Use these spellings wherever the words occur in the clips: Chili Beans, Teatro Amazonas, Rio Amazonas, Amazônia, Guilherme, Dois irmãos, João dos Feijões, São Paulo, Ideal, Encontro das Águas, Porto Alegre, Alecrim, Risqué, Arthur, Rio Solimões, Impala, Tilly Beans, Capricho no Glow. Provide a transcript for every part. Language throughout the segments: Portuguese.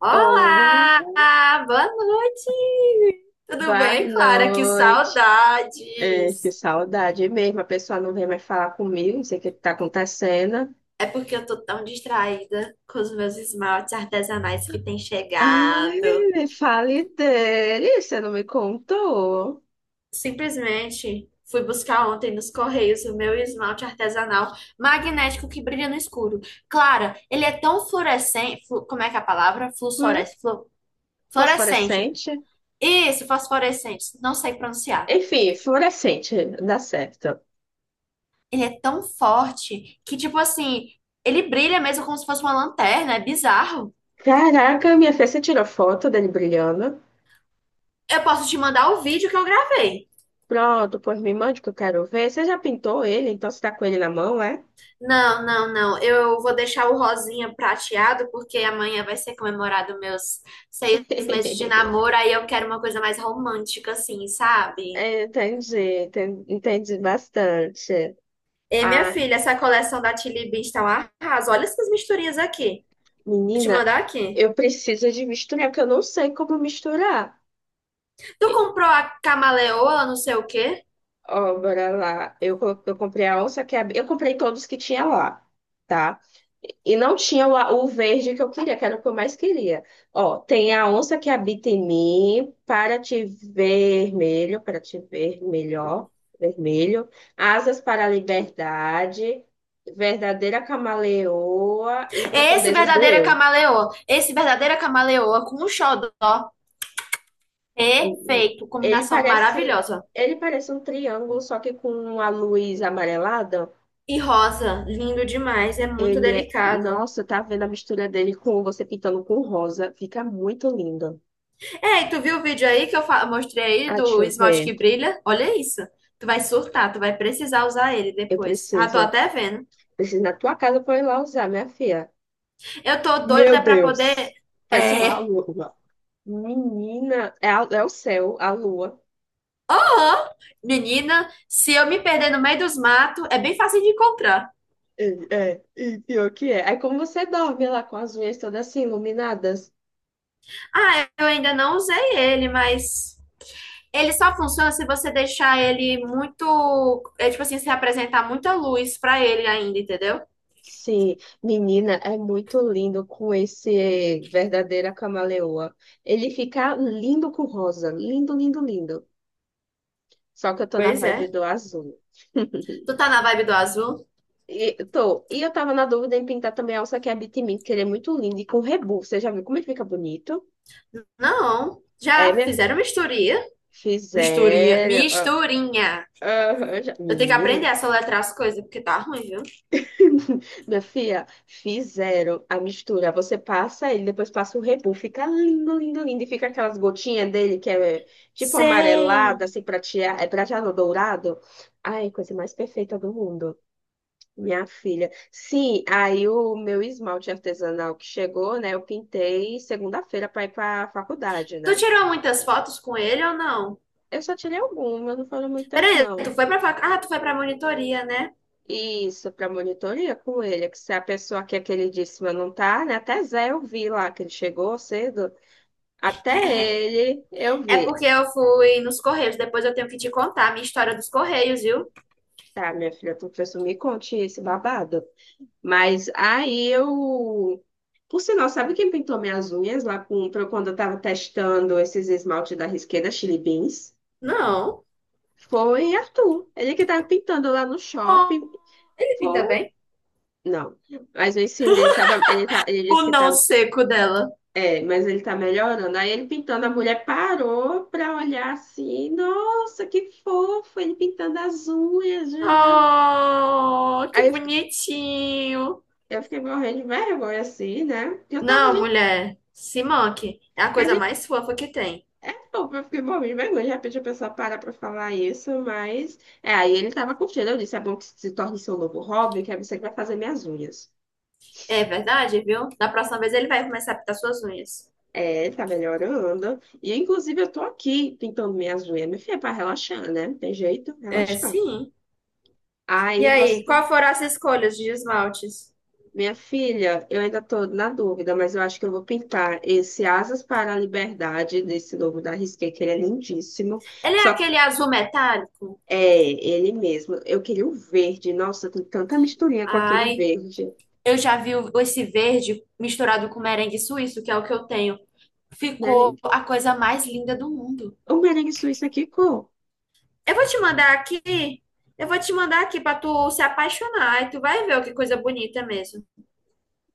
Olá, Oh, boa noite. Tudo boa bem, Clara? Que noite. É, que saudades. saudade mesmo. A pessoa não vem mais falar comigo, não sei o que está acontecendo. É porque eu tô tão distraída com os meus esmaltes artesanais que têm Ai, chegado. me fale dele, você não me contou. Simplesmente fui buscar ontem nos Correios o meu esmalte artesanal magnético que brilha no escuro. Clara, ele é tão fluorescente, flu- como é que é a palavra? Flore- Fluorescente, fluorescente. Fosforescente? Isso, fosforescente, não sei pronunciar. Enfim, fluorescente, dá certo. Ele é tão forte que, tipo assim, ele brilha mesmo como se fosse uma lanterna, é bizarro. Caraca, minha filha, você tirou foto dele brilhando? Eu posso te mandar o vídeo que eu gravei. Pronto, pois me mande que eu quero ver. Você já pintou ele, então você tá com ele na mão, é? Não, não, não. Eu vou deixar o rosinha prateado porque amanhã vai ser comemorado meus 6 meses de namoro. Aí eu quero uma coisa mais romântica, assim, sabe? É, entendi, entendi bastante. E minha Ah. filha, essa coleção da Tilly Beans tá um arraso. Olha essas misturinhas aqui. Vou te Menina, mandar aqui. eu preciso de misturar, porque eu não sei como misturar. Tu E- comprou a camaleoa, não sei o quê? Ó, bora lá. Eu comprei a onça que é, eu comprei todos que tinha lá, tá? E não tinha o verde que eu queria, que era o que eu mais queria. Ó, tem a onça que habita em mim, para te vermelho, para te ver melhor, vermelho, asas para a liberdade, verdadeira camaleoa e É esse profundezas do verdadeira eu. camaleoa. Esse verdadeira camaleoa com um xodó. Perfeito. Ele Combinação parece, maravilhosa. ele parece um triângulo, só que com uma luz amarelada. E rosa, lindo demais, é muito Ele é, delicado. nossa, tá vendo a mistura dele com você pintando com rosa? Fica muito lindo. É, e tu viu o vídeo aí que eu mostrei aí Ah, deixa do eu esmalte que ver. brilha? Olha isso. Tu vai surtar, tu vai precisar usar ele Eu depois. Ah, tô preciso, até vendo. preciso ir na tua casa pra eu ir lá usar, minha filha. Eu tô Meu doida pra poder. Deus, parece uma É. lua. Menina, é, é o céu, a lua. Ó, menina, se eu me perder no meio dos matos, é bem fácil de encontrar. É, é, e pior que é. Aí como você dorme lá com as unhas todas assim iluminadas? Ah, eu ainda não usei ele, mas. Ele só funciona se você deixar ele muito. É tipo assim, se apresentar muita luz pra ele ainda, entendeu? Sim, menina, é muito lindo com esse verdadeira camaleoa. Ele fica lindo com rosa, lindo, lindo, lindo. Só que eu tô na Pois vibe é. do azul. Tu tá na vibe do azul? E, tô, e eu tava na dúvida em pintar também a alça que habita em mim, que ele é muito lindo e com rebu. Você já viu como ele fica bonito? Não. É, Já minha... fizeram misturia? Misturia. Fizeram. Misturinha. Já... Eu tenho que aprender Menina. a soletrar as coisas, porque tá ruim, viu? Minha filha, fizeram a mistura. Você passa ele, depois passa o rebu. Fica lindo, lindo, lindo. E fica aquelas gotinhas dele que é tipo Sei. amarelada, assim, prateado, é prateado dourado. Ai, coisa mais perfeita do mundo. Minha filha. Sim, aí o meu esmalte artesanal que chegou, né? Eu pintei segunda-feira para ir para a faculdade, Tu né? tirou muitas fotos com ele ou não? Eu só tirei algumas, não foram muitas, Peraí, tu não. foi pra fac... Ah, tu foi pra monitoria, né? Isso, para monitoria com ele, que se a pessoa que é queridíssima não tá, né? Até Zé eu vi lá, que ele chegou cedo, até ele eu É vi. porque eu fui nos Correios. Depois eu tenho que te contar a minha história dos Correios, viu? Tá, minha filha, tu fez me conte esse babado. Mas aí eu. Por sinal, sabe quem pintou minhas unhas lá com, quando eu tava testando esses esmalte da Risqué da Chili Beans? Não. Foi Arthur. Ele que tava pintando lá no Oh, shopping. ele pinta Foi. bem. Não. Mas eu ensinei, ele disse O que não tá. seco dela. É, mas ele tá melhorando. Aí ele pintando, a mulher parou pra olhar assim, nossa, que fofo, ele pintando as unhas de lado. Oh, que Aí eu fiquei, bonitinho. eu fiquei morrendo de vergonha, assim, né? Porque eu tava, Não, gente, mulher, se manque. É a que a coisa gente mais fofa que tem. é fofo, eu fiquei morrendo de vergonha. De repente a pessoa para pra falar isso, mas. É, aí ele tava curtindo, eu disse, é bom que se torne seu novo hobby, que é você que vai fazer minhas unhas. É verdade, viu? Da próxima vez ele vai começar a pintar suas unhas. É, ele tá melhorando. E inclusive eu tô aqui pintando minhas unhas, minha filha, é pra relaxar, né? Não tem jeito, É, relaxar. sim. E Aí aí, você. qual foram as escolhas de esmaltes? Minha filha, eu ainda estou na dúvida, mas eu acho que eu vou pintar esse Asas para a Liberdade desse novo da Risqué, que ele é lindíssimo. Ele é Só aquele azul metálico? é ele mesmo. Eu queria o verde. Nossa, tem tanta misturinha com aquele Ai, verde. eu já vi esse verde misturado com merengue suíço, que é o que eu tenho. Ficou Merengue- a coisa mais linda do mundo. O merengue suíço aqui, cor. Eu vou te mandar aqui, eu vou te mandar aqui pra tu se apaixonar e tu vai ver ó, que coisa bonita mesmo.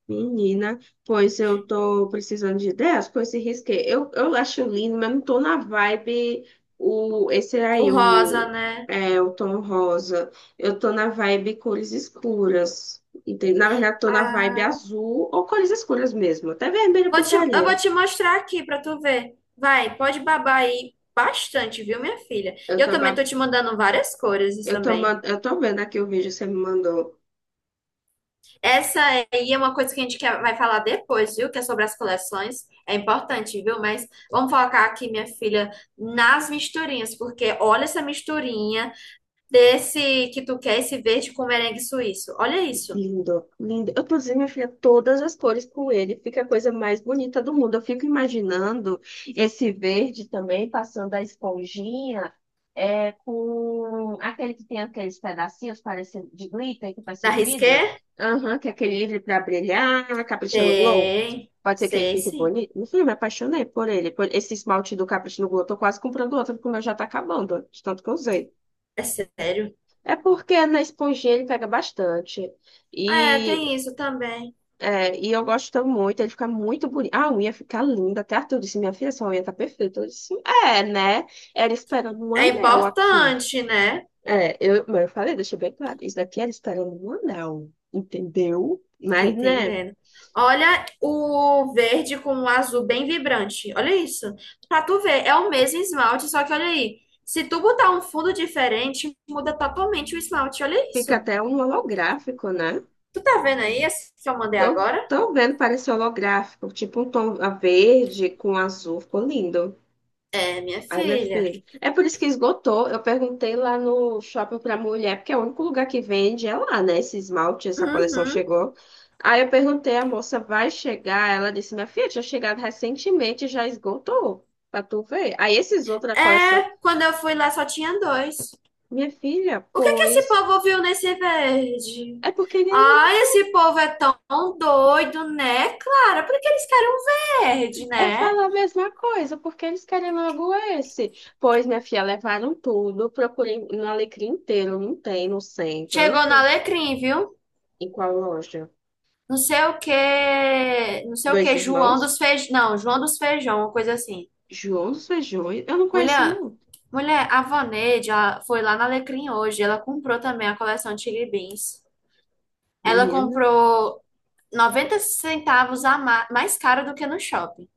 Menina, pois eu tô precisando de ideias com esse risqué. Eu acho lindo, mas não tô na vibe o, esse O aí, rosa, o, né? é, o tom rosa. Eu tô na vibe cores escuras. Entende? Na verdade, tô na vibe Ah, azul ou cores escuras mesmo. Até vermelho eu eu vou pintaria. te mostrar aqui pra tu ver. Vai, pode babar aí bastante, viu, minha filha? E Eu eu tô, também ba- tô te mandando várias cores eu tô, também. man- eu tô vendo aqui o vídeo que você me mandou. Essa aí é uma coisa que a gente quer, vai falar depois, viu? Que é sobre as coleções. É importante, viu? Mas vamos focar aqui, minha filha, nas misturinhas, porque olha essa misturinha. Desse que tu quer, esse verde com merengue suíço. Olha isso. Lindo, lindo. Eu, inclusive, minha filha, todas as cores com ele, fica a coisa mais bonita do mundo. Eu fico imaginando esse verde também, passando a esponjinha, é, com aquele que tem aqueles pedacinhos parecendo de glitter, que parece Da um vidro. Risqué? Aham, que é aquele livre para brilhar, Capricho no Glow. Tem. Pode ser que ele Sei fique sim. bonito. Meu filho, me apaixonei por ele, por esse esmalte do Capricho no Glow. Eu tô quase comprando outro, porque o meu já tá acabando, de tanto que eu usei. É sério? É porque na esponjinha ele pega bastante. E Ah, é, tem isso também. E eu gosto muito, ele fica muito bonito. Ah, a unha fica linda. Até Arthur disse, minha filha, sua unha tá perfeita. Eu disse, é, né? Era esperando um É anel aqui. importante, né? É, eu, mas eu falei, deixa bem claro, isso daqui era esperando um anel, entendeu? Tô Mas, né, entendendo. Olha o verde com o azul bem vibrante. Olha isso. Pra tu ver, é o mesmo esmalte, só que olha aí. Se tu botar um fundo diferente, muda totalmente o esmalte. Olha isso. fica até um holográfico, né? Tu tá vendo aí esse que eu mandei Tô, agora? tô vendo, parece holográfico, tipo um tom a verde com azul, ficou lindo. É, minha Ai, minha filha. filha. É por isso que esgotou. Eu perguntei lá no shopping pra mulher, porque é o único lugar que vende, é lá, né? Esse esmalte, essa coleção Uhum. chegou. Aí eu perguntei, a moça vai chegar? Ela disse, minha filha, tinha chegado recentemente, já esgotou, pra tu ver. Aí esses outros da coleção, É, quando eu fui lá só tinha dois. minha filha, O que que esse pois. povo viu nesse verde? É porque ele é Ai, lindo. esse povo é tão doido, né, Clara? Por que eles querem um verde, Eu né? falo a mesma coisa, porque eles querem logo esse. Pois, minha filha, levaram tudo. Procurei no Alecrim inteiro, não tem no centro, não Chegou no tem. Alecrim, viu? Em qual loja? Não sei o que, não sei o Dois que, João irmãos? dos Feijão, não João dos Feijão, uma coisa assim. João dos Feijões? Eu não conheço, Mulher, não, mulher, a Voneide, ela foi lá na Alecrim hoje, ela comprou também a coleção de Chili Beans. Ela menina. comprou 90 centavos a mais caro do que no shopping.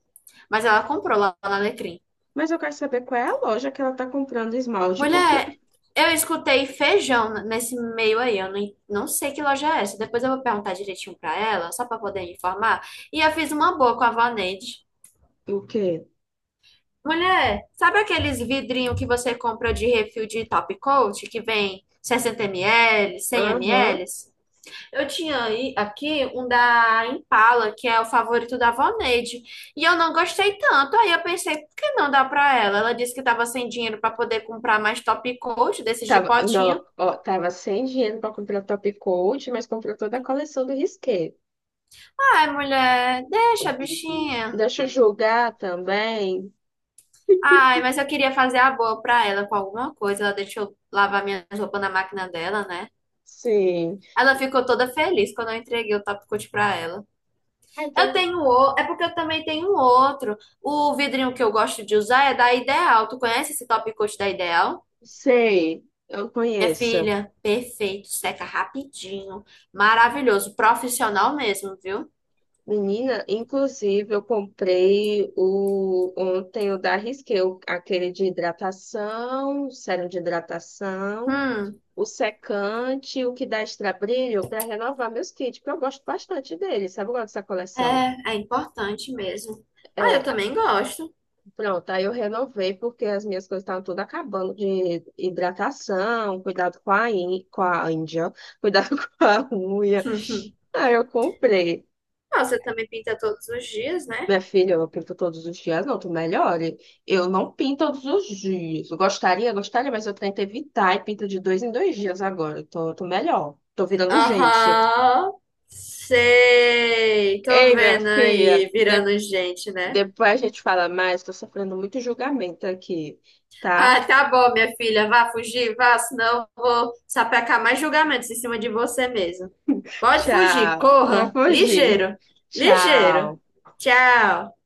Mas ela comprou lá na Alecrim. Mas eu quero saber qual é a loja que ela tá comprando esmalte, porque... Mulher, eu escutei feijão nesse meio aí. Eu não, en- não sei que loja é essa. Depois eu vou perguntar direitinho pra ela, só pra poder informar. E eu fiz uma boa com a Vaneide. O quê? Mulher, sabe aqueles vidrinhos que você compra de refil de Top Coat, que vem 60 ml, 100 Aham. ml? Aqui um da Impala, que é o favorito da Voneide, e eu não gostei tanto. Aí eu pensei, por que não dar pra ela? Ela disse que tava sem dinheiro pra poder comprar mais top coat desses de Tava, não, potinho. ó, tava sem dinheiro pra comprar top coat, mas comprou toda a coleção do Risqué. Ai, mulher, deixa, a bichinha. Deixa eu julgar também. Ai, mas eu queria fazer a boa pra ela com alguma coisa. Ela deixou lavar minhas roupas na máquina dela, né? Sim. Ela ficou toda feliz quando eu entreguei o top coat pra ela. Ah, então, É porque eu também tenho um outro. O vidrinho que eu gosto de usar é da Ideal. Tu conhece esse top coat da Ideal? sei, eu Minha conheço. filha, perfeito, seca rapidinho, maravilhoso, profissional mesmo, viu? Menina, inclusive, eu comprei o ontem o da Risqué, aquele de hidratação, sérum de hidratação. Hum, O secante, o que dá extra brilho para renovar meus kits, porque eu gosto bastante deles, sabe? Eu gosto dessa coleção. é, é importante mesmo. Ah, eu É, também gosto. pronto, aí eu renovei porque as minhas coisas estavam todas acabando de hidratação, cuidado com com a Índia, cuidado com a unha. Hum. Aí eu comprei. Ah, você também pinta todos os dias, né? Minha filha, eu pinto todos os dias, não, tu melhore. Eu não pinto todos os dias. Eu gostaria, gostaria, mas eu tento evitar e pinto de dois em dois dias agora. Eu tô melhor. Tô virando gente. Aham, sei, tô Ei, minha vendo aí, filha, virando gente, né? depois a gente fala mais, tô sofrendo muito julgamento aqui, tá? Ah, tá bom, minha filha. Vá fugir, vá, senão eu vou sapecar mais julgamentos em cima de você mesmo. Pode fugir, Tchau. Não corra, fugir. ligeiro, ligeiro. Tchau. Tchau.